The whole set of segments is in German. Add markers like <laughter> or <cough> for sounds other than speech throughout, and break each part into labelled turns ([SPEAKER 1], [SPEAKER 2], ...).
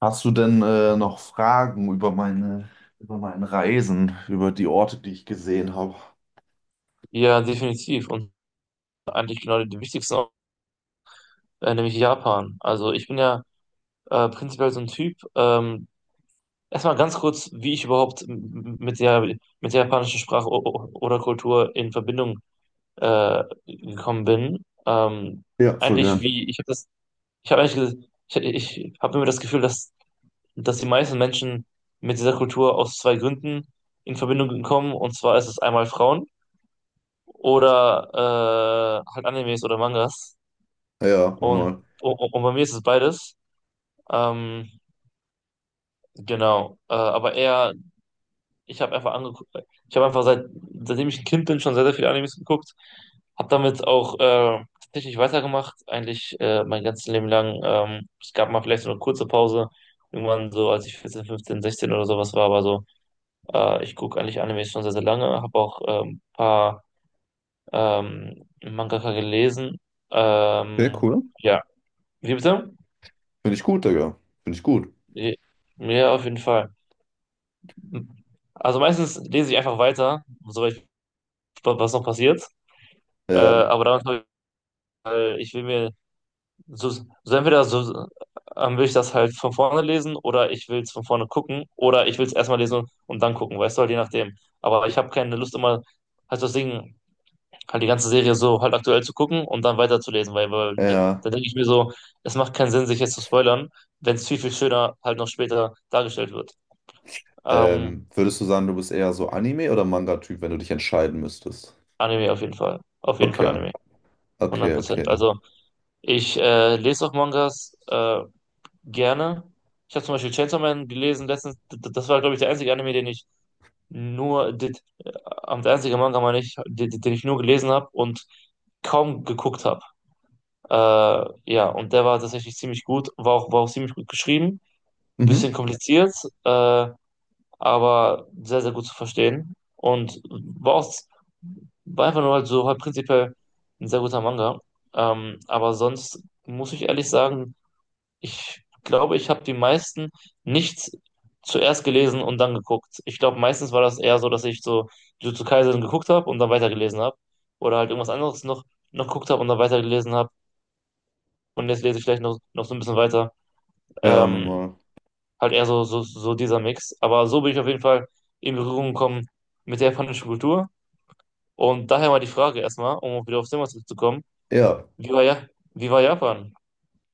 [SPEAKER 1] Hast du denn noch Fragen über meine Reisen, über die Orte, die ich gesehen habe?
[SPEAKER 2] Ja, definitiv. Und eigentlich genau die wichtigsten, auch, nämlich Japan. Also ich bin ja prinzipiell so ein Typ. Erstmal ganz kurz, wie ich überhaupt mit der japanischen Sprache oder Kultur in Verbindung gekommen bin.
[SPEAKER 1] Ja, voll
[SPEAKER 2] Eigentlich
[SPEAKER 1] gern.
[SPEAKER 2] wie, ich habe eigentlich, ich habe immer das Gefühl, dass die meisten Menschen mit dieser Kultur aus zwei Gründen in Verbindung kommen. Und zwar ist es einmal Frauen oder halt Animes oder Mangas.
[SPEAKER 1] Ja,
[SPEAKER 2] Und,
[SPEAKER 1] nochmal.
[SPEAKER 2] und bei mir ist es beides. Ähm, genau. Aber ich habe einfach angeguckt, ich habe einfach seitdem ich ein Kind bin, schon sehr, sehr viele Animes geguckt. Habe damit auch tatsächlich weitergemacht, eigentlich mein ganzes Leben lang. Es gab mal vielleicht so eine kurze Pause, irgendwann so, als ich 14 15 16 oder sowas war, aber so, ich gucke eigentlich Animes schon sehr, sehr lange, habe auch ein paar Mangaka gelesen.
[SPEAKER 1] Sehr
[SPEAKER 2] Ähm,
[SPEAKER 1] cool.
[SPEAKER 2] ja, wie bitte?
[SPEAKER 1] Finde ich gut, Digga. Finde ich gut.
[SPEAKER 2] Ja, auf jeden Fall. Also meistens lese ich einfach weiter, soweit was noch passiert.
[SPEAKER 1] Ja, ja.
[SPEAKER 2] Aber damit habe ich, weil ich will mir entweder so will ich das halt von vorne lesen oder ich will es von vorne gucken oder ich will es erstmal lesen und dann gucken, weißt du, halt je nachdem. Aber ich habe keine Lust immer halt das Ding, halt die ganze Serie so halt aktuell zu gucken und dann weiterzulesen, weil
[SPEAKER 1] Ja.
[SPEAKER 2] da denke ich mir so, es macht keinen Sinn, sich jetzt zu spoilern, wenn es viel, viel schöner halt noch später dargestellt wird. Ähm,
[SPEAKER 1] Würdest du sagen, du bist eher so Anime- oder Manga-Typ, wenn du dich entscheiden müsstest?
[SPEAKER 2] Anime auf jeden Fall. Auf jeden Fall
[SPEAKER 1] Okay,
[SPEAKER 2] Anime.
[SPEAKER 1] okay,
[SPEAKER 2] 100%.
[SPEAKER 1] okay.
[SPEAKER 2] Also ich lese auch Mangas gerne. Ich habe zum Beispiel Chainsaw Man gelesen letztens. Das war, glaube ich, der einzige Anime, den ich nur, d- der einzige Manga, meine ich, den ich nur gelesen habe und kaum geguckt habe. Äh, ja, und der war tatsächlich ziemlich gut, war auch ziemlich gut geschrieben, ein
[SPEAKER 1] Mhm.
[SPEAKER 2] bisschen kompliziert. Äh, aber sehr, sehr gut zu verstehen. Und war, auch, war einfach nur halt so halt prinzipiell ein sehr guter Manga. Aber sonst muss ich ehrlich sagen, ich glaube, ich habe die meisten nicht zuerst gelesen und dann geguckt. Ich glaube, meistens war das eher so, dass ich so Jujutsu Kaisen geguckt habe und dann weitergelesen habe. Oder halt irgendwas anderes noch geguckt habe und dann weitergelesen habe. Und jetzt lese ich vielleicht noch so ein bisschen weiter.
[SPEAKER 1] Ja,
[SPEAKER 2] Ähm,
[SPEAKER 1] nochmal.
[SPEAKER 2] Halt eher so, so, so dieser Mix. Aber so bin ich auf jeden Fall in Berührung gekommen mit der japanischen Kultur. Und daher mal die Frage erstmal, um wieder aufs Thema zurückzukommen.
[SPEAKER 1] Ja,
[SPEAKER 2] Wie war, ja, wie war Japan?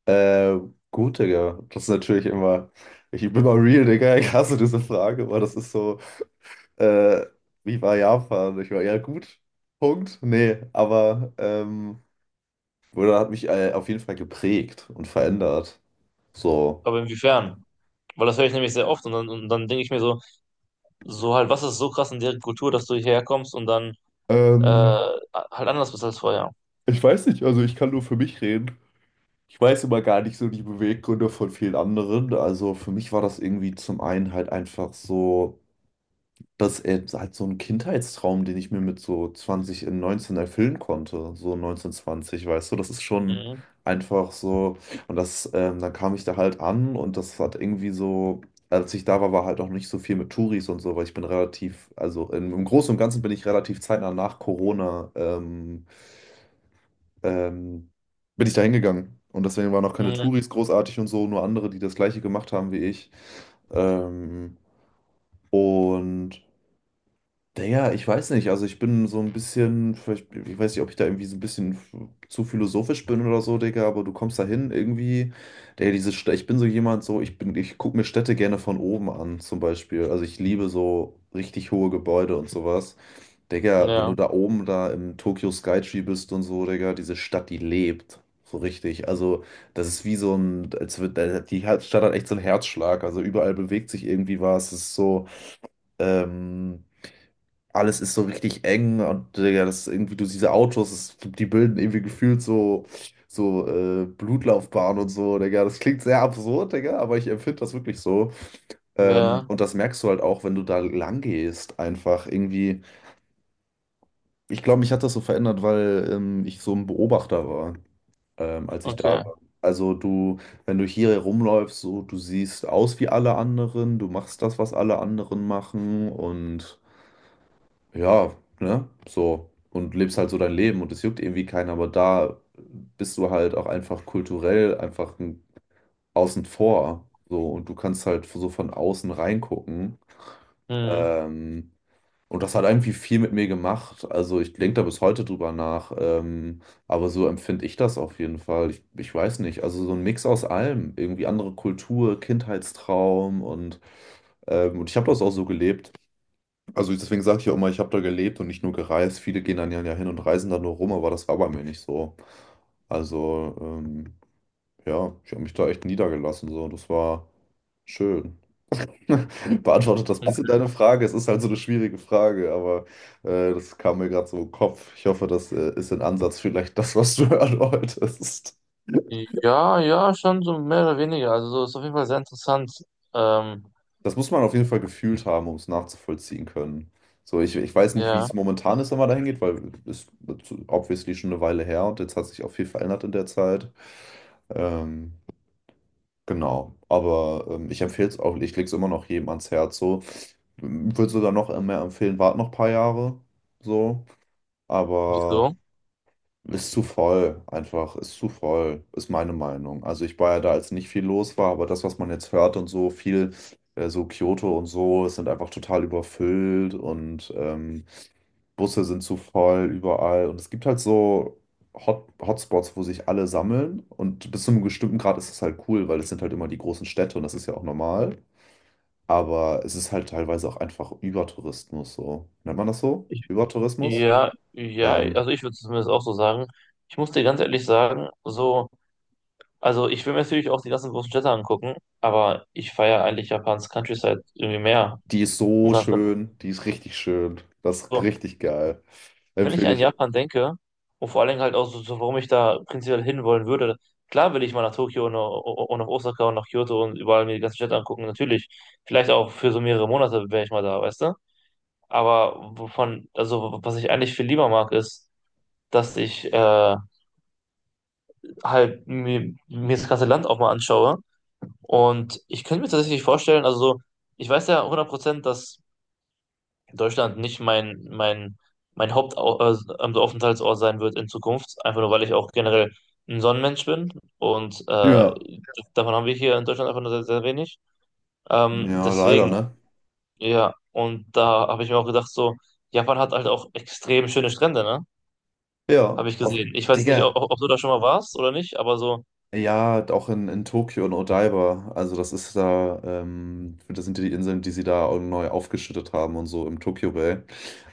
[SPEAKER 1] äh, gut, Digga. Das ist natürlich immer, ich bin mal real, Digga. Ich hasse diese Frage, aber das ist so. Äh, Wie war Japan? Ich war ja gut. Punkt. Nee, aber Buddha hat mich auf jeden Fall geprägt und verändert. So.
[SPEAKER 2] Aber inwiefern? Weil das höre ich nämlich sehr oft und dann denke ich mir so, so halt, was ist so krass in deren Kultur, dass du hierher kommst und dann äh,
[SPEAKER 1] Ähm,
[SPEAKER 2] halt anders bist als vorher?
[SPEAKER 1] Ich weiß nicht, also ich kann nur für mich reden. Ich weiß immer gar nicht so die Beweggründe von vielen anderen. Also für mich war das irgendwie zum einen halt einfach so. Das ist halt so ein Kindheitstraum, den ich mir mit so 20 in 19 erfüllen konnte, so 19 20, weißt du, das ist schon
[SPEAKER 2] Mhm.
[SPEAKER 1] einfach so. Und das, dann kam ich da halt an, und das hat irgendwie so, als ich da war, war halt auch nicht so viel mit Touris und so, weil ich bin relativ, also im Großen und Ganzen bin ich relativ zeitnah nach Corona, ähm, bin ich da hingegangen. Und deswegen waren auch keine
[SPEAKER 2] Mhm.
[SPEAKER 1] Touris großartig und so, nur andere, die das gleiche gemacht haben wie ich. Ähm, und Digga, ich weiß nicht, also ich bin so ein bisschen, vielleicht, ich weiß nicht, ob ich da irgendwie so ein bisschen zu philosophisch bin oder so, Digga, aber du kommst da hin irgendwie, der diese Städte, ich bin so jemand, so, ich gucke mir Städte gerne von oben an, zum Beispiel, also ich liebe so richtig hohe Gebäude und sowas, Digga, wenn du
[SPEAKER 2] Ja,
[SPEAKER 1] da oben da im Tokyo Skytree bist und so, Digga, diese Stadt, die lebt, so richtig, also das ist wie so ein, als wird, die Stadt hat echt so einen Herzschlag, also überall bewegt sich irgendwie was, es ist so, ähm, alles ist so richtig eng, und Digga, das irgendwie, du siehst diese Autos, das, die bilden irgendwie gefühlt so Blutlaufbahnen und so, Digga. Das klingt sehr absurd, Digga, aber ich empfinde das wirklich so.
[SPEAKER 2] ja,
[SPEAKER 1] Und das merkst du halt auch, wenn du da lang gehst, einfach irgendwie. Ich glaube, mich hat das so verändert, weil ich so ein Beobachter war, als ich da
[SPEAKER 2] okay.
[SPEAKER 1] war. Also du, wenn du hier herumläufst, so, du siehst aus wie alle anderen, du machst das, was alle anderen machen, und ja, ne, so. Und lebst halt so dein Leben, und es juckt irgendwie keinen, aber da bist du halt auch einfach kulturell einfach ein, außen vor. So, und du kannst halt so von außen reingucken.
[SPEAKER 2] Mhm.
[SPEAKER 1] Ähm, und das hat irgendwie viel mit mir gemacht. Also ich denke da bis heute drüber nach. Aber so empfinde ich das auf jeden Fall. Ich weiß nicht. Also so ein Mix aus allem. Irgendwie andere Kultur, Kindheitstraum und ich habe das auch so gelebt. Also deswegen sage ich ja immer, ich habe da gelebt und nicht nur gereist. Viele gehen dann ja ja hin und reisen da nur rum, aber das war bei mir nicht so. Also ja, ich habe mich da echt niedergelassen so. Das war schön. <laughs> Beantwortet das bisschen deine Frage? Es ist halt so eine schwierige Frage, aber das kam mir gerade so im Kopf. Ich hoffe, das ist in Ansatz vielleicht das, was du <laughs> hören wolltest.
[SPEAKER 2] Ja, ja, schon so mehr oder weniger. Also so ist auf jeden Fall sehr interessant. Ähm,
[SPEAKER 1] Das muss man auf jeden Fall gefühlt haben, um es nachzuvollziehen können. So, ich weiß nicht, wie
[SPEAKER 2] ja,
[SPEAKER 1] es momentan ist, wenn man dahin geht, weil es ist obviously schon eine Weile her, und jetzt hat sich auch viel verändert in der Zeit. Ähm, genau, aber ich empfehle es auch, ich lege es immer noch jedem ans Herz. So, würde sogar noch mehr empfehlen, wart noch ein paar Jahre. So, aber.
[SPEAKER 2] wieso?
[SPEAKER 1] Ist zu voll, einfach, ist zu voll, ist meine Meinung. Also ich war ja da, als nicht viel los war, aber das, was man jetzt hört und so, so Kyoto und so, es sind einfach total überfüllt, und Busse sind zu voll überall. Und es gibt halt so Hotspots, wo sich alle sammeln. Und bis zu einem bestimmten Grad ist es halt cool, weil es sind halt immer die großen Städte, und das ist ja auch normal. Aber es ist halt teilweise auch einfach Übertourismus so. Nennt man das so? Übertourismus?
[SPEAKER 2] Ja, ja,
[SPEAKER 1] Ähm,
[SPEAKER 2] also ich würde zumindest auch so sagen. Ich muss dir ganz ehrlich sagen, so, also ich will mir natürlich auch die ganzen großen Städte angucken, aber ich feiere eigentlich Japans Countryside irgendwie mehr.
[SPEAKER 1] Die ist so
[SPEAKER 2] Und ganz genau.
[SPEAKER 1] schön, die ist richtig schön. Das ist
[SPEAKER 2] So,
[SPEAKER 1] richtig geil.
[SPEAKER 2] wenn ich
[SPEAKER 1] Empfehle
[SPEAKER 2] an
[SPEAKER 1] ich.
[SPEAKER 2] Japan denke, und vor allen Dingen halt auch so, so, warum ich da prinzipiell hinwollen würde, klar will ich mal nach Tokio und nach Osaka und nach Kyoto und überall mir die ganzen Städte angucken, natürlich. Vielleicht auch für so mehrere Monate wäre ich mal da, weißt du? Aber wovon, also was ich eigentlich viel lieber mag, ist, dass ich halt mir das ganze Land auch mal anschaue. Und ich könnte mir tatsächlich vorstellen, also so, ich weiß ja 100%, dass Deutschland nicht mein Hauptaufenthaltsort sein wird in Zukunft, einfach nur weil ich auch generell ein Sonnenmensch bin. Und
[SPEAKER 1] Ja.
[SPEAKER 2] davon haben wir hier in Deutschland einfach nur sehr, sehr wenig.
[SPEAKER 1] Ja, leider,
[SPEAKER 2] Deswegen,
[SPEAKER 1] ne?
[SPEAKER 2] ja, und da habe ich mir auch gedacht, so, Japan hat halt auch extrem schöne Strände, ne?
[SPEAKER 1] Ja,
[SPEAKER 2] Habe ich gesehen. Ich weiß nicht, ob,
[SPEAKER 1] Digga,
[SPEAKER 2] ob du da schon mal warst oder nicht, aber so,
[SPEAKER 1] ja, auch in Tokio und Odaiba. Also, das ist da, das sind die Inseln, die sie da auch neu aufgeschüttet haben und so im Tokyo Bay.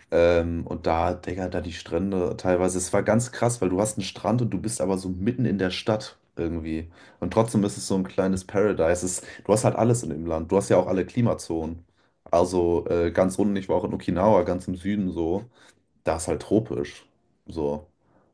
[SPEAKER 1] Und da, Digga, da die Strände teilweise, es war ganz krass, weil du hast einen Strand und du bist aber so mitten in der Stadt irgendwie. Und trotzdem ist es so ein kleines Paradise. Es, du hast halt alles in dem Land. Du hast ja auch alle Klimazonen. Also ganz unten, ich war auch in Okinawa, ganz im Süden, so da ist halt tropisch. So,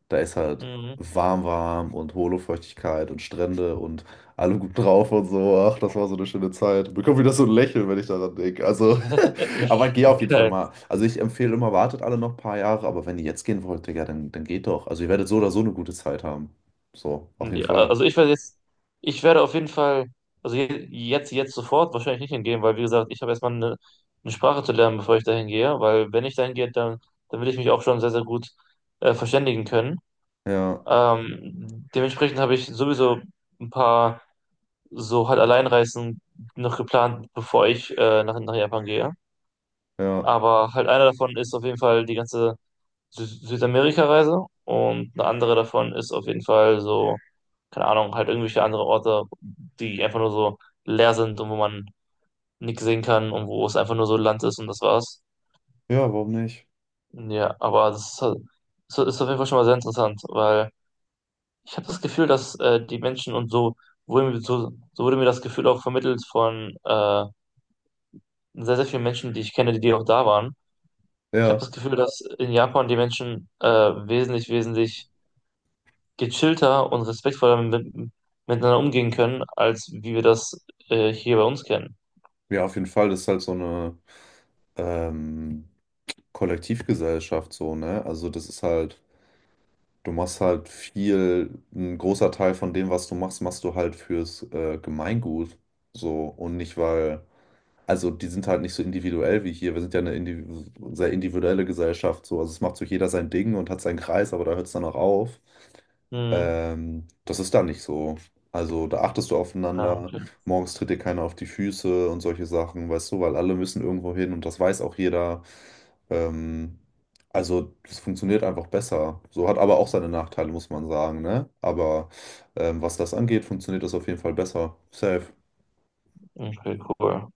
[SPEAKER 1] da ist halt
[SPEAKER 2] mhm.
[SPEAKER 1] warm, warm und hohle Feuchtigkeit und Strände und alle gut drauf und so. Ach, das war so eine schöne Zeit. Bekomme wieder so ein Lächeln, wenn ich daran denke. Also, <laughs> aber geh auf jeden Fall mal. Also, ich empfehle immer, wartet alle noch ein paar Jahre, aber wenn ihr jetzt gehen wollt, Digga, dann geht doch. Also, ihr werdet so oder so eine gute Zeit haben. So, auf jeden
[SPEAKER 2] Ja,
[SPEAKER 1] Fall.
[SPEAKER 2] also ich werde jetzt, ich werde auf jeden Fall, also jetzt sofort wahrscheinlich nicht hingehen, weil wie gesagt, ich habe eine Sprache zu lernen, bevor ich dahin gehe, weil wenn ich dahin gehe, dann will ich mich auch schon sehr, sehr gut verständigen können.
[SPEAKER 1] Ja,
[SPEAKER 2] Dementsprechend habe ich sowieso ein paar so halt Alleinreisen noch geplant, bevor ich nach Japan gehe.
[SPEAKER 1] ja,
[SPEAKER 2] Aber halt einer davon ist auf jeden Fall die ganze Sü Südamerika-Reise und eine andere davon ist auf jeden Fall so keine Ahnung, halt irgendwelche andere Orte, die einfach nur so leer sind und wo man nichts sehen kann und wo es einfach nur so Land ist und das war's.
[SPEAKER 1] ja, warum nicht?
[SPEAKER 2] Ja, aber das ist, halt- das ist auf jeden Fall schon mal sehr interessant, weil ich habe das Gefühl, dass die Menschen und so wurde mir, wurde mir das Gefühl auch vermittelt von sehr, sehr vielen Menschen, die ich kenne, die auch da waren. Ich habe
[SPEAKER 1] Ja,
[SPEAKER 2] das Gefühl, dass in Japan die Menschen wesentlich, wesentlich gechillter und respektvoller miteinander umgehen können, als wie wir das hier bei uns kennen.
[SPEAKER 1] ja, auf jeden Fall. Das ist halt so eine ähm, Kollektivgesellschaft, so, ne? Also, das ist halt. Du machst halt viel, ein großer Teil von dem, was du machst, machst du halt fürs Gemeingut. So, und nicht weil. Also die sind halt nicht so individuell wie hier. Wir sind ja eine indiv sehr individuelle Gesellschaft. So. Also es macht so jeder sein Ding und hat seinen Kreis, aber da hört es dann auch auf.
[SPEAKER 2] Mhm.
[SPEAKER 1] Das ist da nicht so. Also da achtest du aufeinander,
[SPEAKER 2] Danke.
[SPEAKER 1] morgens tritt dir keiner auf die Füße und solche Sachen, weißt du, weil alle müssen irgendwo hin, und das weiß auch jeder. Ähm, also das funktioniert einfach besser. So hat aber auch seine Nachteile, muss man sagen, ne? Aber was das angeht, funktioniert das auf jeden Fall besser. Safe.
[SPEAKER 2] Okay, cool.